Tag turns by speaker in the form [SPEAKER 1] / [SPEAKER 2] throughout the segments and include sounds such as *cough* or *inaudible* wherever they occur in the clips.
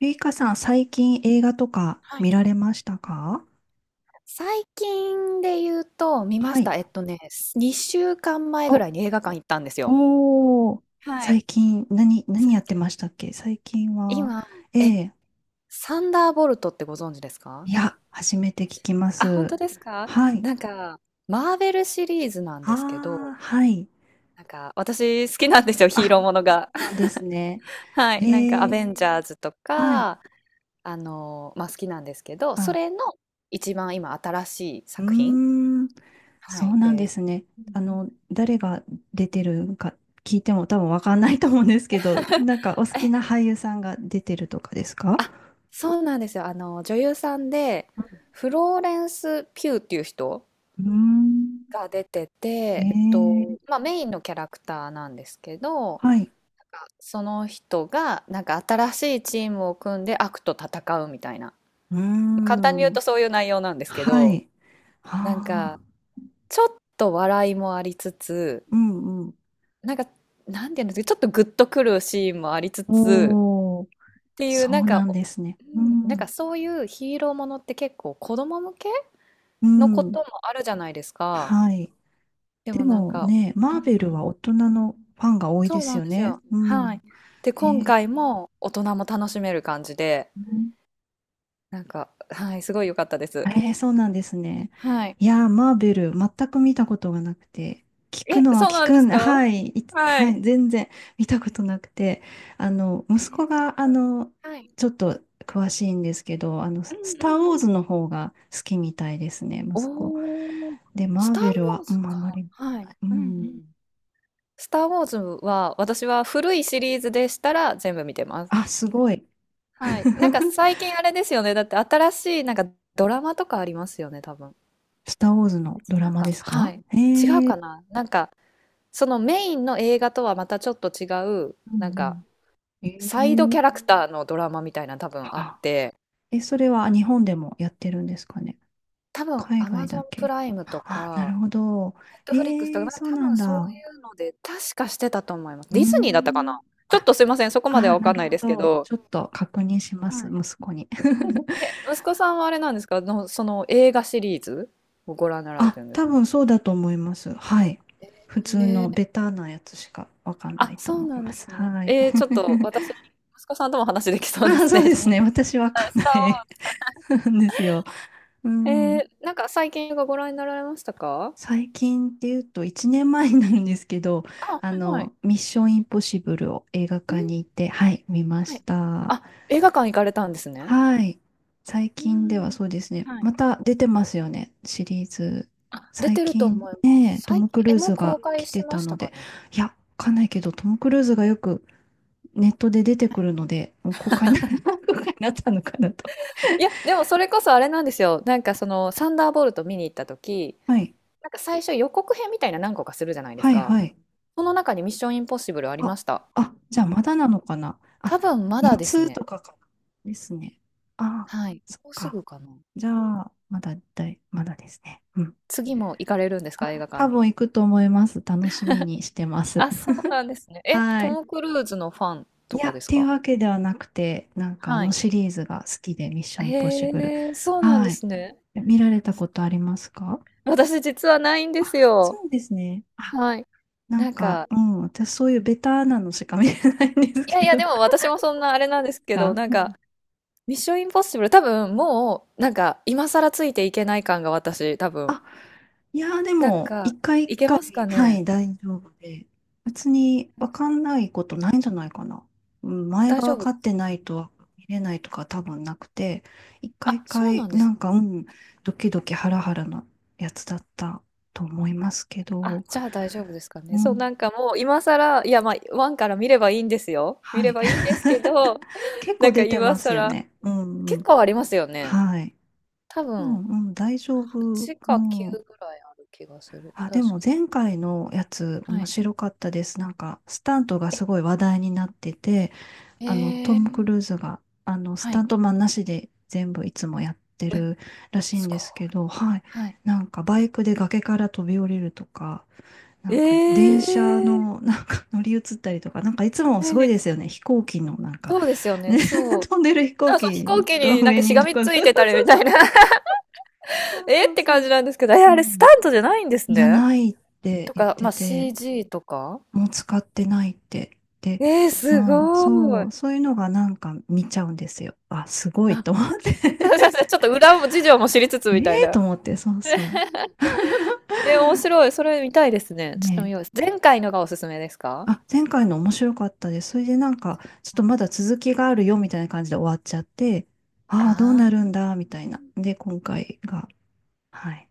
[SPEAKER 1] ゆいかさん、最近映画とか見られましたか？
[SPEAKER 2] 最近で言うと、見ま
[SPEAKER 1] は
[SPEAKER 2] した。
[SPEAKER 1] い。
[SPEAKER 2] 2週間前ぐら
[SPEAKER 1] お、
[SPEAKER 2] いに映画館行ったんですよ。
[SPEAKER 1] おー、最近、何やってましたっけ最近は、
[SPEAKER 2] 今、
[SPEAKER 1] え
[SPEAKER 2] え、
[SPEAKER 1] え、
[SPEAKER 2] サンダーボルトってご存知ですか？
[SPEAKER 1] いや、初めて聞きま
[SPEAKER 2] あ、本
[SPEAKER 1] す。
[SPEAKER 2] 当ですか？
[SPEAKER 1] はい。
[SPEAKER 2] なんか、マーベルシリーズなんですけ
[SPEAKER 1] ああ、
[SPEAKER 2] ど、
[SPEAKER 1] はい。
[SPEAKER 2] なんか、私好きなんですよ、
[SPEAKER 1] あ、
[SPEAKER 2] ヒーローもの
[SPEAKER 1] そ
[SPEAKER 2] が。
[SPEAKER 1] うなん
[SPEAKER 2] *laughs*
[SPEAKER 1] ですね。
[SPEAKER 2] はい、なんか、ア
[SPEAKER 1] ええ、
[SPEAKER 2] ベンジャーズと
[SPEAKER 1] はい。
[SPEAKER 2] か、あの、まあ、好きなんですけど、そ
[SPEAKER 1] あ、
[SPEAKER 2] れの一番今新しい
[SPEAKER 1] うー
[SPEAKER 2] 作品。
[SPEAKER 1] ん、そ
[SPEAKER 2] は
[SPEAKER 1] う
[SPEAKER 2] い。
[SPEAKER 1] なんで
[SPEAKER 2] で、
[SPEAKER 1] すね。誰が出てるか聞いても多分わかんないと思うんですけど、なんかお好き
[SPEAKER 2] え、
[SPEAKER 1] な俳優さんが出てるとかですか？
[SPEAKER 2] そうなんですよ。あの、女優さんで、フローレンス・ピューっていう人
[SPEAKER 1] うーん。
[SPEAKER 2] が出てて、
[SPEAKER 1] ええ
[SPEAKER 2] まあ、メインのキャラクターなんですけど、
[SPEAKER 1] はい。
[SPEAKER 2] その人が、なんか新しいチームを組んで悪と戦うみたいな。
[SPEAKER 1] うー
[SPEAKER 2] 簡単に言う
[SPEAKER 1] ん。
[SPEAKER 2] とそういう内容なんですけ
[SPEAKER 1] は
[SPEAKER 2] ど、
[SPEAKER 1] い。
[SPEAKER 2] なん
[SPEAKER 1] あ
[SPEAKER 2] か、
[SPEAKER 1] あ。
[SPEAKER 2] ちょっと笑いもありつつ、
[SPEAKER 1] うんうん。
[SPEAKER 2] なんか、なんていうんですか、ちょっとグッとくるシーンもありつつ、
[SPEAKER 1] おお、
[SPEAKER 2] っていう、
[SPEAKER 1] そ
[SPEAKER 2] なん
[SPEAKER 1] うな
[SPEAKER 2] か、
[SPEAKER 1] ん
[SPEAKER 2] う
[SPEAKER 1] ですね。う
[SPEAKER 2] んなん
[SPEAKER 1] ん。
[SPEAKER 2] かそういうヒーローものって結構子供向け
[SPEAKER 1] う
[SPEAKER 2] のこ
[SPEAKER 1] ん。
[SPEAKER 2] ともあるじゃないですか。
[SPEAKER 1] はい。
[SPEAKER 2] で
[SPEAKER 1] で
[SPEAKER 2] もなん
[SPEAKER 1] も
[SPEAKER 2] か、
[SPEAKER 1] ね、
[SPEAKER 2] う
[SPEAKER 1] マ
[SPEAKER 2] ん
[SPEAKER 1] ー
[SPEAKER 2] う
[SPEAKER 1] ベルは
[SPEAKER 2] ん。
[SPEAKER 1] 大人のファンが多い
[SPEAKER 2] そ
[SPEAKER 1] で
[SPEAKER 2] う
[SPEAKER 1] す
[SPEAKER 2] なん
[SPEAKER 1] よ
[SPEAKER 2] です
[SPEAKER 1] ね。
[SPEAKER 2] よ。
[SPEAKER 1] う
[SPEAKER 2] は
[SPEAKER 1] ん。
[SPEAKER 2] い。で、
[SPEAKER 1] え
[SPEAKER 2] 今
[SPEAKER 1] ん、
[SPEAKER 2] 回も大人も楽しめる感じで、なんか、はい、すごい良かったです。
[SPEAKER 1] そうなんですね。
[SPEAKER 2] はい。
[SPEAKER 1] いやー、マーベル、全く見たことがなくて、聞く
[SPEAKER 2] え、
[SPEAKER 1] のは
[SPEAKER 2] そう
[SPEAKER 1] 聞
[SPEAKER 2] なん
[SPEAKER 1] く
[SPEAKER 2] で
[SPEAKER 1] ん、
[SPEAKER 2] す
[SPEAKER 1] *laughs*
[SPEAKER 2] か？
[SPEAKER 1] はい、い
[SPEAKER 2] はい。
[SPEAKER 1] はい、全然 *laughs* 見たことなくて、息子
[SPEAKER 2] そっ
[SPEAKER 1] が、
[SPEAKER 2] か。
[SPEAKER 1] ちょっと詳しいんですけど、
[SPEAKER 2] うんうん
[SPEAKER 1] スター・ウォー
[SPEAKER 2] う
[SPEAKER 1] ズ
[SPEAKER 2] ん。
[SPEAKER 1] の方が好きみたいですね、息子。
[SPEAKER 2] おー、
[SPEAKER 1] で、
[SPEAKER 2] ス
[SPEAKER 1] マー
[SPEAKER 2] ター・
[SPEAKER 1] ベル
[SPEAKER 2] ウォー
[SPEAKER 1] は、う
[SPEAKER 2] ズ
[SPEAKER 1] ん、あ
[SPEAKER 2] か。
[SPEAKER 1] んまり、
[SPEAKER 2] はい。
[SPEAKER 1] う
[SPEAKER 2] うんうん。
[SPEAKER 1] ん、
[SPEAKER 2] スター・ウォーズは、私は古いシリーズでしたら全部見てます。
[SPEAKER 1] あ、すごい。
[SPEAKER 2] はい。なんか
[SPEAKER 1] *laughs*
[SPEAKER 2] 最近あれですよね。だって新しいなんかドラマとかありますよね、多分。
[SPEAKER 1] スター・ウォーズのドラ
[SPEAKER 2] 違う
[SPEAKER 1] マ
[SPEAKER 2] か、
[SPEAKER 1] です
[SPEAKER 2] は
[SPEAKER 1] か？
[SPEAKER 2] い。違う
[SPEAKER 1] へえ
[SPEAKER 2] かな。なんか、そのメインの映画とはまたちょっと違う、
[SPEAKER 1] う
[SPEAKER 2] なん
[SPEAKER 1] んう
[SPEAKER 2] か、
[SPEAKER 1] ん、え
[SPEAKER 2] サイドキャ
[SPEAKER 1] え。
[SPEAKER 2] ラクターのドラマみたいな多分あっ
[SPEAKER 1] あ、
[SPEAKER 2] て、
[SPEAKER 1] え、それは日本でもやってるんですかね？
[SPEAKER 2] 多分
[SPEAKER 1] 海外だ
[SPEAKER 2] Amazon プ
[SPEAKER 1] け。
[SPEAKER 2] ライムと
[SPEAKER 1] あ、なる
[SPEAKER 2] か、
[SPEAKER 1] ほど。
[SPEAKER 2] Netflix とか、
[SPEAKER 1] え
[SPEAKER 2] なん
[SPEAKER 1] え、
[SPEAKER 2] か
[SPEAKER 1] そう
[SPEAKER 2] 多
[SPEAKER 1] なん
[SPEAKER 2] 分そう
[SPEAKER 1] だ。
[SPEAKER 2] いうので、確かしてたと思います。
[SPEAKER 1] うー
[SPEAKER 2] ディズニーだったか
[SPEAKER 1] ん。
[SPEAKER 2] な。ちょっ
[SPEAKER 1] あ、
[SPEAKER 2] とすいません、そこまでは
[SPEAKER 1] あ、
[SPEAKER 2] わ
[SPEAKER 1] な
[SPEAKER 2] かん
[SPEAKER 1] る
[SPEAKER 2] ない
[SPEAKER 1] ほ
[SPEAKER 2] ですけ
[SPEAKER 1] ど。
[SPEAKER 2] ど、
[SPEAKER 1] ちょっと確認します、息子に。*laughs*
[SPEAKER 2] え息子さんはあれなんですかの、その映画シリーズをご覧になられ
[SPEAKER 1] あ、
[SPEAKER 2] てるんで
[SPEAKER 1] 多
[SPEAKER 2] すか？
[SPEAKER 1] 分そうだと思います。はい。普通
[SPEAKER 2] えー、
[SPEAKER 1] のベターなやつしかわかんな
[SPEAKER 2] あ、
[SPEAKER 1] いと
[SPEAKER 2] そう
[SPEAKER 1] 思い
[SPEAKER 2] なん
[SPEAKER 1] ま
[SPEAKER 2] で
[SPEAKER 1] す。
[SPEAKER 2] すね。
[SPEAKER 1] はい。
[SPEAKER 2] ちょっと私、
[SPEAKER 1] *laughs*
[SPEAKER 2] 息子さんとも話できそうで
[SPEAKER 1] あ、
[SPEAKER 2] す
[SPEAKER 1] そ
[SPEAKER 2] ね。
[SPEAKER 1] うで
[SPEAKER 2] じゃあ
[SPEAKER 1] すね。私わ
[SPEAKER 2] は
[SPEAKER 1] か
[SPEAKER 2] い
[SPEAKER 1] ん
[SPEAKER 2] ス
[SPEAKER 1] な
[SPEAKER 2] ター・ウ
[SPEAKER 1] い
[SPEAKER 2] ォーズ
[SPEAKER 1] *laughs* んですよ。う
[SPEAKER 2] え
[SPEAKER 1] ん。
[SPEAKER 2] なんか最近映画ご覧になられましたか？
[SPEAKER 1] 最近っていうと1年前になるんですけど、
[SPEAKER 2] あ、はいはい。
[SPEAKER 1] ミッションインポッシブルを映画
[SPEAKER 2] う
[SPEAKER 1] 館に
[SPEAKER 2] ん、
[SPEAKER 1] 行って、はい、見ま
[SPEAKER 2] は
[SPEAKER 1] し
[SPEAKER 2] い。
[SPEAKER 1] た。
[SPEAKER 2] あ、映画館行かれたんですね。
[SPEAKER 1] はい。最
[SPEAKER 2] う
[SPEAKER 1] 近では
[SPEAKER 2] ん。
[SPEAKER 1] そうですね。また出てますよね、シリーズ。
[SPEAKER 2] あ、出
[SPEAKER 1] 最
[SPEAKER 2] てると
[SPEAKER 1] 近
[SPEAKER 2] 思いま
[SPEAKER 1] ね、
[SPEAKER 2] す。
[SPEAKER 1] ト
[SPEAKER 2] 最
[SPEAKER 1] ム・ク
[SPEAKER 2] 近、え、
[SPEAKER 1] ルー
[SPEAKER 2] も
[SPEAKER 1] ズ
[SPEAKER 2] う公
[SPEAKER 1] が
[SPEAKER 2] 開
[SPEAKER 1] 来
[SPEAKER 2] し
[SPEAKER 1] て
[SPEAKER 2] ま
[SPEAKER 1] た
[SPEAKER 2] し
[SPEAKER 1] の
[SPEAKER 2] たか
[SPEAKER 1] で、
[SPEAKER 2] ね。
[SPEAKER 1] いや、わかんないけど、トム・クルーズがよくネットで出てくるので、もう公開にな、*laughs* 公開になったのかなと。
[SPEAKER 2] いや、でもそれこそあれなんですよ。なんかその、サンダーボルト見に行った時、
[SPEAKER 1] はい。
[SPEAKER 2] なんか最初予告編みたいな何個かするじゃないです
[SPEAKER 1] はい、
[SPEAKER 2] か。
[SPEAKER 1] はい。
[SPEAKER 2] その中にミッションインポッシブルありま
[SPEAKER 1] あ、
[SPEAKER 2] した。
[SPEAKER 1] あ、じゃあまだなのかな。あ、
[SPEAKER 2] 多分まだです
[SPEAKER 1] 夏
[SPEAKER 2] ね。
[SPEAKER 1] とかかな。ですね。あ、
[SPEAKER 2] はい。
[SPEAKER 1] そっ
[SPEAKER 2] もうす
[SPEAKER 1] か。
[SPEAKER 2] ぐかな。
[SPEAKER 1] じゃあ、まだだい、まだですね。うん。
[SPEAKER 2] 次も行かれるんです
[SPEAKER 1] あ、
[SPEAKER 2] か、映画館
[SPEAKER 1] 多
[SPEAKER 2] に？
[SPEAKER 1] 分行くと思います。楽しみにしてます。
[SPEAKER 2] あ、そうなんですね。え、
[SPEAKER 1] は
[SPEAKER 2] ト
[SPEAKER 1] い。
[SPEAKER 2] ム・クルーズのファン
[SPEAKER 1] い
[SPEAKER 2] と
[SPEAKER 1] や、
[SPEAKER 2] かで
[SPEAKER 1] っ
[SPEAKER 2] す
[SPEAKER 1] ていう
[SPEAKER 2] か？
[SPEAKER 1] わけではなくて、なんかあ
[SPEAKER 2] は
[SPEAKER 1] の
[SPEAKER 2] い。
[SPEAKER 1] シリーズが好きで、ミッションインポッシブル。
[SPEAKER 2] へえ、そうなん
[SPEAKER 1] は
[SPEAKER 2] で
[SPEAKER 1] い。
[SPEAKER 2] すね。
[SPEAKER 1] 見られたことありますか？
[SPEAKER 2] 私実はないんで
[SPEAKER 1] あ、
[SPEAKER 2] すよ。
[SPEAKER 1] そうですね。あ、
[SPEAKER 2] はい。
[SPEAKER 1] なん
[SPEAKER 2] なん
[SPEAKER 1] か、
[SPEAKER 2] か、
[SPEAKER 1] うん、私そういうベタなのしか見れないんです
[SPEAKER 2] いや
[SPEAKER 1] け
[SPEAKER 2] いや、
[SPEAKER 1] ど。
[SPEAKER 2] で
[SPEAKER 1] *laughs*
[SPEAKER 2] も私もそんなあれなんですけど、
[SPEAKER 1] が、
[SPEAKER 2] なん
[SPEAKER 1] う
[SPEAKER 2] か、
[SPEAKER 1] ん
[SPEAKER 2] ミッションインポッシブル、多分もう、なんか、今更ついていけない感が私、多分。
[SPEAKER 1] あ、いやーで
[SPEAKER 2] なん
[SPEAKER 1] も、
[SPEAKER 2] か、
[SPEAKER 1] 一回一
[SPEAKER 2] いけ
[SPEAKER 1] 回、
[SPEAKER 2] ますか
[SPEAKER 1] は
[SPEAKER 2] ね？
[SPEAKER 1] い、大丈夫で、別に
[SPEAKER 2] なん
[SPEAKER 1] わか
[SPEAKER 2] か
[SPEAKER 1] んないことないんじゃないかな。うん前
[SPEAKER 2] 大
[SPEAKER 1] が
[SPEAKER 2] 丈
[SPEAKER 1] 分
[SPEAKER 2] 夫
[SPEAKER 1] か
[SPEAKER 2] で
[SPEAKER 1] っ
[SPEAKER 2] す
[SPEAKER 1] て
[SPEAKER 2] か
[SPEAKER 1] な
[SPEAKER 2] ね？
[SPEAKER 1] いと見れないとか多分なくて、一回
[SPEAKER 2] あ、
[SPEAKER 1] 一
[SPEAKER 2] そう
[SPEAKER 1] 回、
[SPEAKER 2] なんで
[SPEAKER 1] な
[SPEAKER 2] す。
[SPEAKER 1] んか、うん、ドキドキハラハラなやつだったと思いますけ
[SPEAKER 2] あ、
[SPEAKER 1] ど、
[SPEAKER 2] じゃあ大丈夫ですか
[SPEAKER 1] う
[SPEAKER 2] ね。そう、
[SPEAKER 1] ん、
[SPEAKER 2] なんかもう今更、いや、まあ、ワンから見ればいいんですよ。見
[SPEAKER 1] は
[SPEAKER 2] れ
[SPEAKER 1] い。
[SPEAKER 2] ばいいんですけ
[SPEAKER 1] *laughs*
[SPEAKER 2] ど、
[SPEAKER 1] 結
[SPEAKER 2] な
[SPEAKER 1] 構
[SPEAKER 2] んか
[SPEAKER 1] 出て
[SPEAKER 2] 今
[SPEAKER 1] ますよ
[SPEAKER 2] 更、
[SPEAKER 1] ね。うんう
[SPEAKER 2] 結
[SPEAKER 1] ん。
[SPEAKER 2] 構ありますよね。
[SPEAKER 1] はい。
[SPEAKER 2] 多
[SPEAKER 1] うん
[SPEAKER 2] 分、
[SPEAKER 1] うん、大丈夫。う
[SPEAKER 2] ちか
[SPEAKER 1] ん。
[SPEAKER 2] 9ぐらいある気がする。
[SPEAKER 1] あ、で
[SPEAKER 2] 確
[SPEAKER 1] も
[SPEAKER 2] か。
[SPEAKER 1] 前回のやつ
[SPEAKER 2] は
[SPEAKER 1] 面
[SPEAKER 2] い。
[SPEAKER 1] 白かったです。なんか、スタントがすごい話題になってて、ト
[SPEAKER 2] え
[SPEAKER 1] ム・ク
[SPEAKER 2] ー、
[SPEAKER 1] ルーズが、ス
[SPEAKER 2] は
[SPEAKER 1] タ
[SPEAKER 2] い、
[SPEAKER 1] ントマンなしで全部いつもやってるらしいん
[SPEAKER 2] すご
[SPEAKER 1] ですけど、はい。
[SPEAKER 2] はい。
[SPEAKER 1] なんか、バイクで崖から飛び降りるとか、なん
[SPEAKER 2] い。
[SPEAKER 1] か、電車
[SPEAKER 2] ええ
[SPEAKER 1] の、*laughs* なんか乗り移ったりとか、なんか、いつも
[SPEAKER 2] は
[SPEAKER 1] すごい
[SPEAKER 2] い。
[SPEAKER 1] ですよね。飛行機の、なんか、
[SPEAKER 2] そうですよ
[SPEAKER 1] ね、
[SPEAKER 2] ね、そ
[SPEAKER 1] *laughs*
[SPEAKER 2] う。
[SPEAKER 1] 飛んでる飛
[SPEAKER 2] だか
[SPEAKER 1] 行
[SPEAKER 2] らそう、飛
[SPEAKER 1] 機
[SPEAKER 2] 行機
[SPEAKER 1] の
[SPEAKER 2] になん
[SPEAKER 1] 上
[SPEAKER 2] かし
[SPEAKER 1] に
[SPEAKER 2] が
[SPEAKER 1] と
[SPEAKER 2] み
[SPEAKER 1] か、*laughs* そう
[SPEAKER 2] つ
[SPEAKER 1] そ
[SPEAKER 2] いてたりみ
[SPEAKER 1] う
[SPEAKER 2] た
[SPEAKER 1] そ
[SPEAKER 2] い
[SPEAKER 1] う
[SPEAKER 2] な
[SPEAKER 1] そう。
[SPEAKER 2] *laughs*
[SPEAKER 1] そう
[SPEAKER 2] え
[SPEAKER 1] そ
[SPEAKER 2] っ
[SPEAKER 1] う
[SPEAKER 2] て
[SPEAKER 1] そ
[SPEAKER 2] 感
[SPEAKER 1] う。
[SPEAKER 2] じなんですけど、え、
[SPEAKER 1] う
[SPEAKER 2] あれスタ
[SPEAKER 1] ん
[SPEAKER 2] ントじゃないんです
[SPEAKER 1] じゃ
[SPEAKER 2] ね。
[SPEAKER 1] ないって
[SPEAKER 2] と
[SPEAKER 1] 言っ
[SPEAKER 2] か、
[SPEAKER 1] て
[SPEAKER 2] まあ、
[SPEAKER 1] て、
[SPEAKER 2] CG とか。
[SPEAKER 1] もう使ってないって。で、
[SPEAKER 2] す
[SPEAKER 1] もう、
[SPEAKER 2] ご
[SPEAKER 1] そ
[SPEAKER 2] い。
[SPEAKER 1] う、そういうのがなんか見ちゃうんですよ。あ、すごい
[SPEAKER 2] あ、
[SPEAKER 1] と思って。
[SPEAKER 2] *laughs* ちょっと裏も事情も知りつつ
[SPEAKER 1] *laughs*
[SPEAKER 2] みたい
[SPEAKER 1] ええ
[SPEAKER 2] な。
[SPEAKER 1] と思って、そうそう。
[SPEAKER 2] *laughs*
[SPEAKER 1] *laughs*
[SPEAKER 2] 面白い。それ見たいですね。ちょっと見
[SPEAKER 1] ねえ。
[SPEAKER 2] よう。前回のがおすすめですか？
[SPEAKER 1] あ、前回の面白かったです。それでなんか、ちょっとまだ続きがあるよみたいな感じで終わっちゃって、ああ、どう
[SPEAKER 2] ああ
[SPEAKER 1] な
[SPEAKER 2] ー、
[SPEAKER 1] るんだ、みたいな。で、今回が。はい。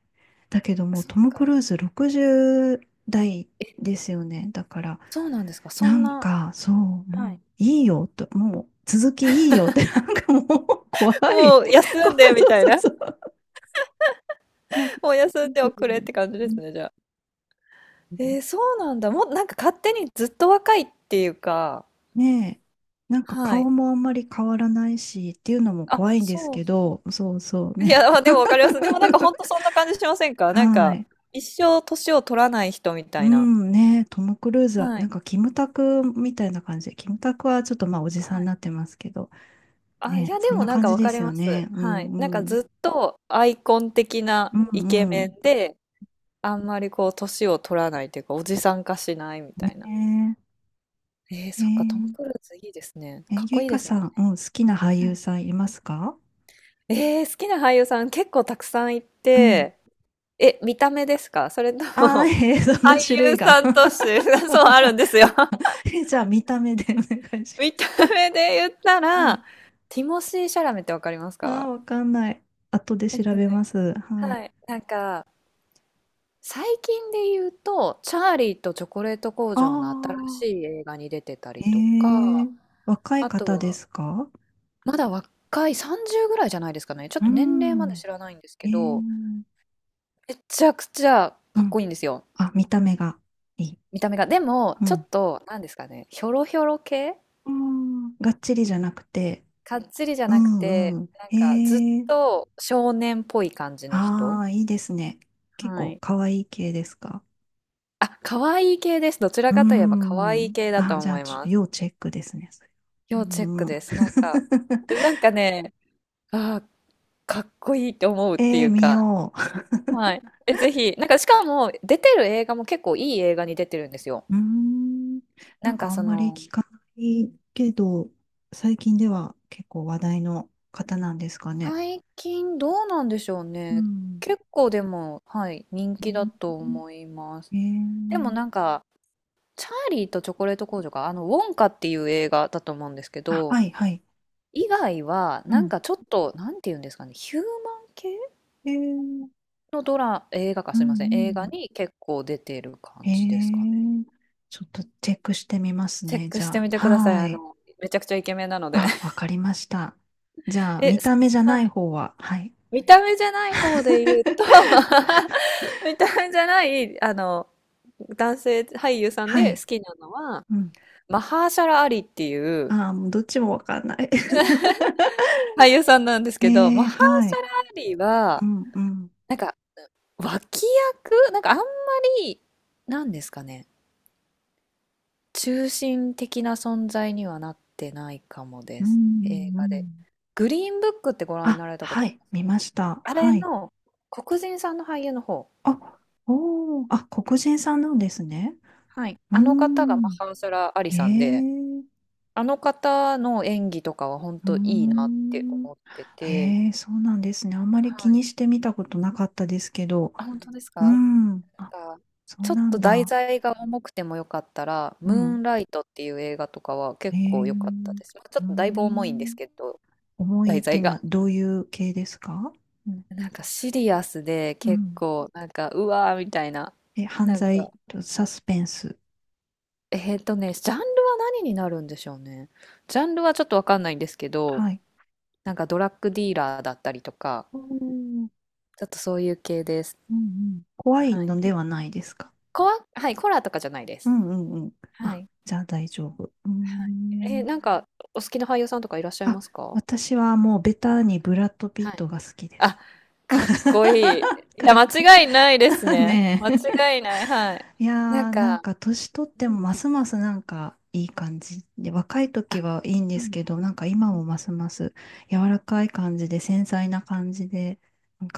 [SPEAKER 1] だけどもう、
[SPEAKER 2] そっ
[SPEAKER 1] トム・ク
[SPEAKER 2] か。
[SPEAKER 1] ルーズ60代
[SPEAKER 2] え、
[SPEAKER 1] ですよね。だから、
[SPEAKER 2] そうなんですか。そ
[SPEAKER 1] な
[SPEAKER 2] ん
[SPEAKER 1] ん
[SPEAKER 2] な
[SPEAKER 1] か、そう、もう、いいよと、もう、続きいいよって、*laughs* なんかもう、怖い。
[SPEAKER 2] もう
[SPEAKER 1] *laughs*
[SPEAKER 2] 休
[SPEAKER 1] 怖
[SPEAKER 2] んで
[SPEAKER 1] い、
[SPEAKER 2] み
[SPEAKER 1] そう
[SPEAKER 2] たい
[SPEAKER 1] そう
[SPEAKER 2] な。
[SPEAKER 1] そう。なんか、
[SPEAKER 2] もう休
[SPEAKER 1] う
[SPEAKER 2] んでおくれって感じですね、
[SPEAKER 1] ん
[SPEAKER 2] じゃあ。そうなんだ。もうなんか勝手にずっと若いっていうか、
[SPEAKER 1] ねえ、なんか
[SPEAKER 2] は
[SPEAKER 1] 顔
[SPEAKER 2] い。
[SPEAKER 1] もあんまり変わらないし、っていうのも
[SPEAKER 2] あ、
[SPEAKER 1] 怖いんです
[SPEAKER 2] そう
[SPEAKER 1] け
[SPEAKER 2] そ
[SPEAKER 1] ど、そうそう
[SPEAKER 2] う。い
[SPEAKER 1] ね。
[SPEAKER 2] や、まあでもわかります。でもなんかほんとそんな感じしません
[SPEAKER 1] *laughs*
[SPEAKER 2] か？なん
[SPEAKER 1] は
[SPEAKER 2] か、
[SPEAKER 1] い。
[SPEAKER 2] 一生年を取らない人みた
[SPEAKER 1] う
[SPEAKER 2] いな。
[SPEAKER 1] ん、ねトム・クルーズは、
[SPEAKER 2] は
[SPEAKER 1] なん
[SPEAKER 2] い。
[SPEAKER 1] かキムタクみたいな感じで、キムタクはちょっとまあ、おじさ
[SPEAKER 2] は
[SPEAKER 1] んに
[SPEAKER 2] い。
[SPEAKER 1] なってますけど、
[SPEAKER 2] あ、い
[SPEAKER 1] ね
[SPEAKER 2] や、で
[SPEAKER 1] そん
[SPEAKER 2] も
[SPEAKER 1] な
[SPEAKER 2] なん
[SPEAKER 1] 感
[SPEAKER 2] か
[SPEAKER 1] じ
[SPEAKER 2] わ
[SPEAKER 1] で
[SPEAKER 2] かり
[SPEAKER 1] す
[SPEAKER 2] ま
[SPEAKER 1] よ
[SPEAKER 2] す。
[SPEAKER 1] ね。う
[SPEAKER 2] はい。
[SPEAKER 1] ん、
[SPEAKER 2] なんか
[SPEAKER 1] うん。
[SPEAKER 2] ずっとアイコン的な
[SPEAKER 1] う
[SPEAKER 2] イケ
[SPEAKER 1] ん、う
[SPEAKER 2] メ
[SPEAKER 1] ん。
[SPEAKER 2] ンで、あんまりこう年を取らないというか、おじさん化しないみたいな。
[SPEAKER 1] ねえ、へ
[SPEAKER 2] そっか、トム・
[SPEAKER 1] え
[SPEAKER 2] クルーズいいですね。
[SPEAKER 1] え、
[SPEAKER 2] かっ
[SPEAKER 1] ゆ
[SPEAKER 2] こ
[SPEAKER 1] い
[SPEAKER 2] いいで
[SPEAKER 1] か
[SPEAKER 2] すも
[SPEAKER 1] さ
[SPEAKER 2] ん
[SPEAKER 1] ん、う
[SPEAKER 2] ね。
[SPEAKER 1] ん、好きな俳優さんいますか？
[SPEAKER 2] 好きな俳優さん結構たくさんい
[SPEAKER 1] うん。
[SPEAKER 2] て、え、見た目ですか？ *laughs* それと
[SPEAKER 1] ああ、
[SPEAKER 2] も、
[SPEAKER 1] えー、*laughs*
[SPEAKER 2] *laughs*
[SPEAKER 1] そんな
[SPEAKER 2] 俳
[SPEAKER 1] 種
[SPEAKER 2] 優
[SPEAKER 1] 類が。
[SPEAKER 2] さんとして、*laughs* そうあるんですよ。*laughs*
[SPEAKER 1] *laughs* え、じゃあ、見た目でお願いし
[SPEAKER 2] 見た目で言った
[SPEAKER 1] ます。は
[SPEAKER 2] ら、
[SPEAKER 1] い。
[SPEAKER 2] ティモシー・シャラメってわかります
[SPEAKER 1] ああ、
[SPEAKER 2] か？
[SPEAKER 1] わかんない。後で
[SPEAKER 2] え
[SPEAKER 1] 調
[SPEAKER 2] っとね、
[SPEAKER 1] べます。はい。
[SPEAKER 2] はい。なんか、最近で言うと、チャーリーとチョコレート工
[SPEAKER 1] あ
[SPEAKER 2] 場の新し
[SPEAKER 1] あ、
[SPEAKER 2] い映画に出てた
[SPEAKER 1] え
[SPEAKER 2] りと
[SPEAKER 1] え
[SPEAKER 2] か、
[SPEAKER 1] 若い
[SPEAKER 2] あと
[SPEAKER 1] 方で
[SPEAKER 2] は、
[SPEAKER 1] すか？
[SPEAKER 2] まだ若い30ぐらいじゃないですかね。ちょっと年齢まで
[SPEAKER 1] う
[SPEAKER 2] 知らないんです
[SPEAKER 1] ん。え
[SPEAKER 2] けど、
[SPEAKER 1] え
[SPEAKER 2] めちゃくちゃ
[SPEAKER 1] う
[SPEAKER 2] かっ
[SPEAKER 1] ん。
[SPEAKER 2] こいいんですよ。
[SPEAKER 1] あ、見た目がいい。
[SPEAKER 2] 見た目が。でも、
[SPEAKER 1] う
[SPEAKER 2] ちょっ
[SPEAKER 1] ん。
[SPEAKER 2] と、なんですかね、ひょろひょろ系
[SPEAKER 1] うん。がっちりじゃなくて、
[SPEAKER 2] かっつりじゃ
[SPEAKER 1] う
[SPEAKER 2] なくて、
[SPEAKER 1] んうん。
[SPEAKER 2] なんかずっ
[SPEAKER 1] ええ
[SPEAKER 2] と少年っぽい感じの
[SPEAKER 1] あ
[SPEAKER 2] 人。
[SPEAKER 1] あ、いいですね。結
[SPEAKER 2] は
[SPEAKER 1] 構
[SPEAKER 2] い。
[SPEAKER 1] 可愛い系ですか？
[SPEAKER 2] あ、可愛い系です。どちら
[SPEAKER 1] う
[SPEAKER 2] かといえば可
[SPEAKER 1] ー
[SPEAKER 2] 愛い
[SPEAKER 1] ん。
[SPEAKER 2] 系だ
[SPEAKER 1] あ、
[SPEAKER 2] と
[SPEAKER 1] じゃ
[SPEAKER 2] 思
[SPEAKER 1] あ、
[SPEAKER 2] います。
[SPEAKER 1] 要チェックですね、それ。
[SPEAKER 2] 要チェッ
[SPEAKER 1] う
[SPEAKER 2] ク
[SPEAKER 1] ん。
[SPEAKER 2] です。なんか、な
[SPEAKER 1] *laughs*
[SPEAKER 2] んかね、あーかっこいいって思うっていう
[SPEAKER 1] 見
[SPEAKER 2] か、
[SPEAKER 1] よ
[SPEAKER 2] はい。え、ぜひ、なんかしかも出てる映画も結構いい映画に出てるんですよ。
[SPEAKER 1] う。うーん。な
[SPEAKER 2] な
[SPEAKER 1] ん
[SPEAKER 2] ん
[SPEAKER 1] か
[SPEAKER 2] か
[SPEAKER 1] あ
[SPEAKER 2] そ
[SPEAKER 1] んまり
[SPEAKER 2] の、
[SPEAKER 1] 聞かないけど、最近では結構話題の方なんですかね？
[SPEAKER 2] 最近どうなんでしょう
[SPEAKER 1] う
[SPEAKER 2] ね。
[SPEAKER 1] ん。
[SPEAKER 2] 結構でも、はい、人
[SPEAKER 1] う
[SPEAKER 2] 気だと
[SPEAKER 1] ん
[SPEAKER 2] 思います。
[SPEAKER 1] え
[SPEAKER 2] でも
[SPEAKER 1] ー、
[SPEAKER 2] なんか、チャーリーとチョコレート工場が、あの、ウォンカっていう映画だと思うんですけ
[SPEAKER 1] あ、は
[SPEAKER 2] ど、
[SPEAKER 1] い、はい。
[SPEAKER 2] 以外は、
[SPEAKER 1] う
[SPEAKER 2] なん
[SPEAKER 1] ん。
[SPEAKER 2] かちょっと、なんていうんですかね、ヒューマン系
[SPEAKER 1] えー、
[SPEAKER 2] のドラ、映画か、
[SPEAKER 1] うん、
[SPEAKER 2] す
[SPEAKER 1] う
[SPEAKER 2] いません、映画
[SPEAKER 1] ん。
[SPEAKER 2] に結構出てる感
[SPEAKER 1] え
[SPEAKER 2] じですかね。
[SPEAKER 1] ー、ちょっとチェックしてみます
[SPEAKER 2] チェッ
[SPEAKER 1] ね、
[SPEAKER 2] ク
[SPEAKER 1] じ
[SPEAKER 2] して
[SPEAKER 1] ゃ
[SPEAKER 2] み
[SPEAKER 1] あ。
[SPEAKER 2] てください。
[SPEAKER 1] は
[SPEAKER 2] あ
[SPEAKER 1] い。
[SPEAKER 2] の、めちゃくちゃイケメンなので。
[SPEAKER 1] あ、わかりました。じ
[SPEAKER 2] *laughs*
[SPEAKER 1] ゃあ、
[SPEAKER 2] え、
[SPEAKER 1] 見た目じゃ
[SPEAKER 2] は
[SPEAKER 1] ない
[SPEAKER 2] い
[SPEAKER 1] 方は、はい。
[SPEAKER 2] 見た目じゃない方で言うと
[SPEAKER 1] *laughs*
[SPEAKER 2] *laughs* 見た目じゃない、あの、男性俳優さん
[SPEAKER 1] は
[SPEAKER 2] で好
[SPEAKER 1] い。
[SPEAKER 2] きなのは、
[SPEAKER 1] うん。
[SPEAKER 2] マハーシャラ・アリっていう
[SPEAKER 1] ああ、もうどっちもわかんない。
[SPEAKER 2] 俳優さんなんです
[SPEAKER 1] *laughs*
[SPEAKER 2] けど、
[SPEAKER 1] え
[SPEAKER 2] マ
[SPEAKER 1] え
[SPEAKER 2] ハーシ
[SPEAKER 1] は
[SPEAKER 2] ャ
[SPEAKER 1] い。
[SPEAKER 2] ラ・アリ
[SPEAKER 1] う
[SPEAKER 2] は、
[SPEAKER 1] んうん。
[SPEAKER 2] なんか、脇役なんかあんまり、なんですかね、中心的な存在にはなってないかもで
[SPEAKER 1] う
[SPEAKER 2] す。
[SPEAKER 1] ん
[SPEAKER 2] 映
[SPEAKER 1] う
[SPEAKER 2] 画で。
[SPEAKER 1] ん。
[SPEAKER 2] グリーンブックってご覧に
[SPEAKER 1] あ、
[SPEAKER 2] なられたこ
[SPEAKER 1] は
[SPEAKER 2] とあり
[SPEAKER 1] い。
[SPEAKER 2] ます
[SPEAKER 1] 見
[SPEAKER 2] か？
[SPEAKER 1] ました。
[SPEAKER 2] あれ
[SPEAKER 1] はい。
[SPEAKER 2] の黒人さんの俳優の方。
[SPEAKER 1] あ、おー。あ、黒人さんなんですね。
[SPEAKER 2] はい。
[SPEAKER 1] うー
[SPEAKER 2] あの方がマ
[SPEAKER 1] ん。
[SPEAKER 2] ハンサラ・アリ
[SPEAKER 1] へ
[SPEAKER 2] さんで、
[SPEAKER 1] え。
[SPEAKER 2] あの方の演技とかは本
[SPEAKER 1] うー
[SPEAKER 2] 当いいなって
[SPEAKER 1] ん。
[SPEAKER 2] 思ってて、
[SPEAKER 1] へえ、そうなんですね。あんまり気
[SPEAKER 2] はい。
[SPEAKER 1] にしてみたことなかったですけど。
[SPEAKER 2] あ、本当です
[SPEAKER 1] う
[SPEAKER 2] か？
[SPEAKER 1] ん。あ、
[SPEAKER 2] なんか
[SPEAKER 1] そう
[SPEAKER 2] ちょっ
[SPEAKER 1] な
[SPEAKER 2] と
[SPEAKER 1] ん
[SPEAKER 2] 題
[SPEAKER 1] だ。
[SPEAKER 2] 材が重くてもよかったら、
[SPEAKER 1] う
[SPEAKER 2] ムー
[SPEAKER 1] ん。
[SPEAKER 2] ンライトっていう映画とかは
[SPEAKER 1] へ
[SPEAKER 2] 結
[SPEAKER 1] え。
[SPEAKER 2] 構良かったです。まあ、ちょ
[SPEAKER 1] うー
[SPEAKER 2] っとだいぶ重いんで
[SPEAKER 1] ん。
[SPEAKER 2] すけど、
[SPEAKER 1] 重い
[SPEAKER 2] 題
[SPEAKER 1] ってい
[SPEAKER 2] 材
[SPEAKER 1] うの
[SPEAKER 2] が。
[SPEAKER 1] はどういう系ですか？うん。
[SPEAKER 2] なんかシリアスで
[SPEAKER 1] う
[SPEAKER 2] 結
[SPEAKER 1] ん
[SPEAKER 2] 構、なんか、うわーみたいな。
[SPEAKER 1] え、犯
[SPEAKER 2] なん
[SPEAKER 1] 罪
[SPEAKER 2] か、
[SPEAKER 1] とサスペンス。
[SPEAKER 2] ジャンルは何になるんでしょうね。ジャンルはちょっとわかんないんですけど、
[SPEAKER 1] はい。
[SPEAKER 2] なんかドラッグディーラーだったりとか、
[SPEAKER 1] おー
[SPEAKER 2] ちょっとそういう系です。
[SPEAKER 1] うんうん。怖い
[SPEAKER 2] はい。
[SPEAKER 1] のではないですか？
[SPEAKER 2] コア、はい、コラとかじゃないで
[SPEAKER 1] う
[SPEAKER 2] す。
[SPEAKER 1] んうんうん。
[SPEAKER 2] は
[SPEAKER 1] あ、
[SPEAKER 2] い。
[SPEAKER 1] じゃあ大丈夫。うー
[SPEAKER 2] はい。
[SPEAKER 1] ん。
[SPEAKER 2] なんか、お好きな俳優さんとかいらっしゃい
[SPEAKER 1] あ、
[SPEAKER 2] ますか？
[SPEAKER 1] 私はもうベタにブラッド・ピッ
[SPEAKER 2] はい。
[SPEAKER 1] トが好きです。
[SPEAKER 2] あ、か
[SPEAKER 1] *laughs*
[SPEAKER 2] っこいい。いや、
[SPEAKER 1] かっ
[SPEAKER 2] 間違いないです
[SPEAKER 1] こいい
[SPEAKER 2] ね。
[SPEAKER 1] ね
[SPEAKER 2] 間
[SPEAKER 1] え。
[SPEAKER 2] 違いない。はい。
[SPEAKER 1] い
[SPEAKER 2] なん
[SPEAKER 1] やー、なん
[SPEAKER 2] か、
[SPEAKER 1] か年取っ
[SPEAKER 2] う
[SPEAKER 1] て
[SPEAKER 2] ん。
[SPEAKER 1] もますますなんかいい感じで、若い
[SPEAKER 2] あ、
[SPEAKER 1] 時はいいんですけど、なんか今もますます柔らかい感じで、繊細な感じで、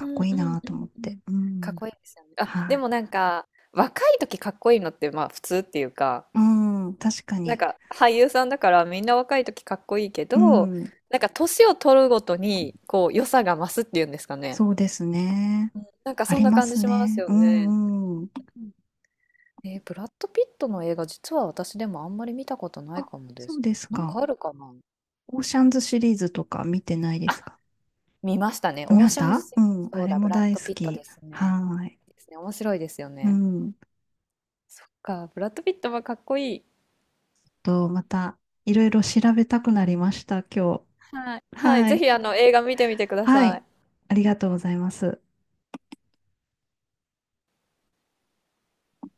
[SPEAKER 2] う
[SPEAKER 1] っ
[SPEAKER 2] ん
[SPEAKER 1] こ
[SPEAKER 2] う
[SPEAKER 1] い
[SPEAKER 2] ん
[SPEAKER 1] い
[SPEAKER 2] うん
[SPEAKER 1] なと思っ
[SPEAKER 2] う
[SPEAKER 1] て。
[SPEAKER 2] ん。
[SPEAKER 1] う
[SPEAKER 2] かっ
[SPEAKER 1] ん。
[SPEAKER 2] こいいですよね。あ、
[SPEAKER 1] は
[SPEAKER 2] で
[SPEAKER 1] い。
[SPEAKER 2] もなんか、若い時かっこいいのって、まあ普通っていうか、
[SPEAKER 1] うん、確か
[SPEAKER 2] なん
[SPEAKER 1] に。
[SPEAKER 2] か俳優さんだからみんな若い時かっこいいけ
[SPEAKER 1] う
[SPEAKER 2] ど、
[SPEAKER 1] ん、
[SPEAKER 2] なんか年を取るごとにこう良さが増すっていうんですかね。
[SPEAKER 1] そうですね。
[SPEAKER 2] なんか
[SPEAKER 1] あ
[SPEAKER 2] そん
[SPEAKER 1] り
[SPEAKER 2] な
[SPEAKER 1] ま
[SPEAKER 2] 感じ
[SPEAKER 1] す
[SPEAKER 2] します
[SPEAKER 1] ね。
[SPEAKER 2] よ
[SPEAKER 1] う
[SPEAKER 2] ね。
[SPEAKER 1] んうん。
[SPEAKER 2] ブラッド・ピットの映画実は私でもあんまり見たことない
[SPEAKER 1] あ、
[SPEAKER 2] かもで
[SPEAKER 1] そう
[SPEAKER 2] す。
[SPEAKER 1] です
[SPEAKER 2] なん
[SPEAKER 1] か。
[SPEAKER 2] かあるかな？
[SPEAKER 1] オーシャンズシリーズとか見てないで
[SPEAKER 2] あ、
[SPEAKER 1] すか？
[SPEAKER 2] 見ましたね。
[SPEAKER 1] 見
[SPEAKER 2] オー
[SPEAKER 1] まし
[SPEAKER 2] シャンズ・
[SPEAKER 1] た
[SPEAKER 2] セ
[SPEAKER 1] うん、
[SPEAKER 2] ブン。
[SPEAKER 1] あ
[SPEAKER 2] そう
[SPEAKER 1] れ
[SPEAKER 2] だ、ブ
[SPEAKER 1] も
[SPEAKER 2] ラッ
[SPEAKER 1] 大
[SPEAKER 2] ド・
[SPEAKER 1] 好
[SPEAKER 2] ピットで
[SPEAKER 1] き。
[SPEAKER 2] す
[SPEAKER 1] は
[SPEAKER 2] ね。
[SPEAKER 1] ーい。
[SPEAKER 2] いいですね。面白いですよ
[SPEAKER 1] う
[SPEAKER 2] ね。
[SPEAKER 1] ん。
[SPEAKER 2] そっか、ブラッド・ピットはかっこいい。
[SPEAKER 1] と、またいろいろ調べたくなりました、今
[SPEAKER 2] はい。
[SPEAKER 1] 日。
[SPEAKER 2] はい。
[SPEAKER 1] は
[SPEAKER 2] ぜ
[SPEAKER 1] い。
[SPEAKER 2] ひあの映画見てみてくだ
[SPEAKER 1] は
[SPEAKER 2] さ
[SPEAKER 1] い。
[SPEAKER 2] い。
[SPEAKER 1] ありがとうございます。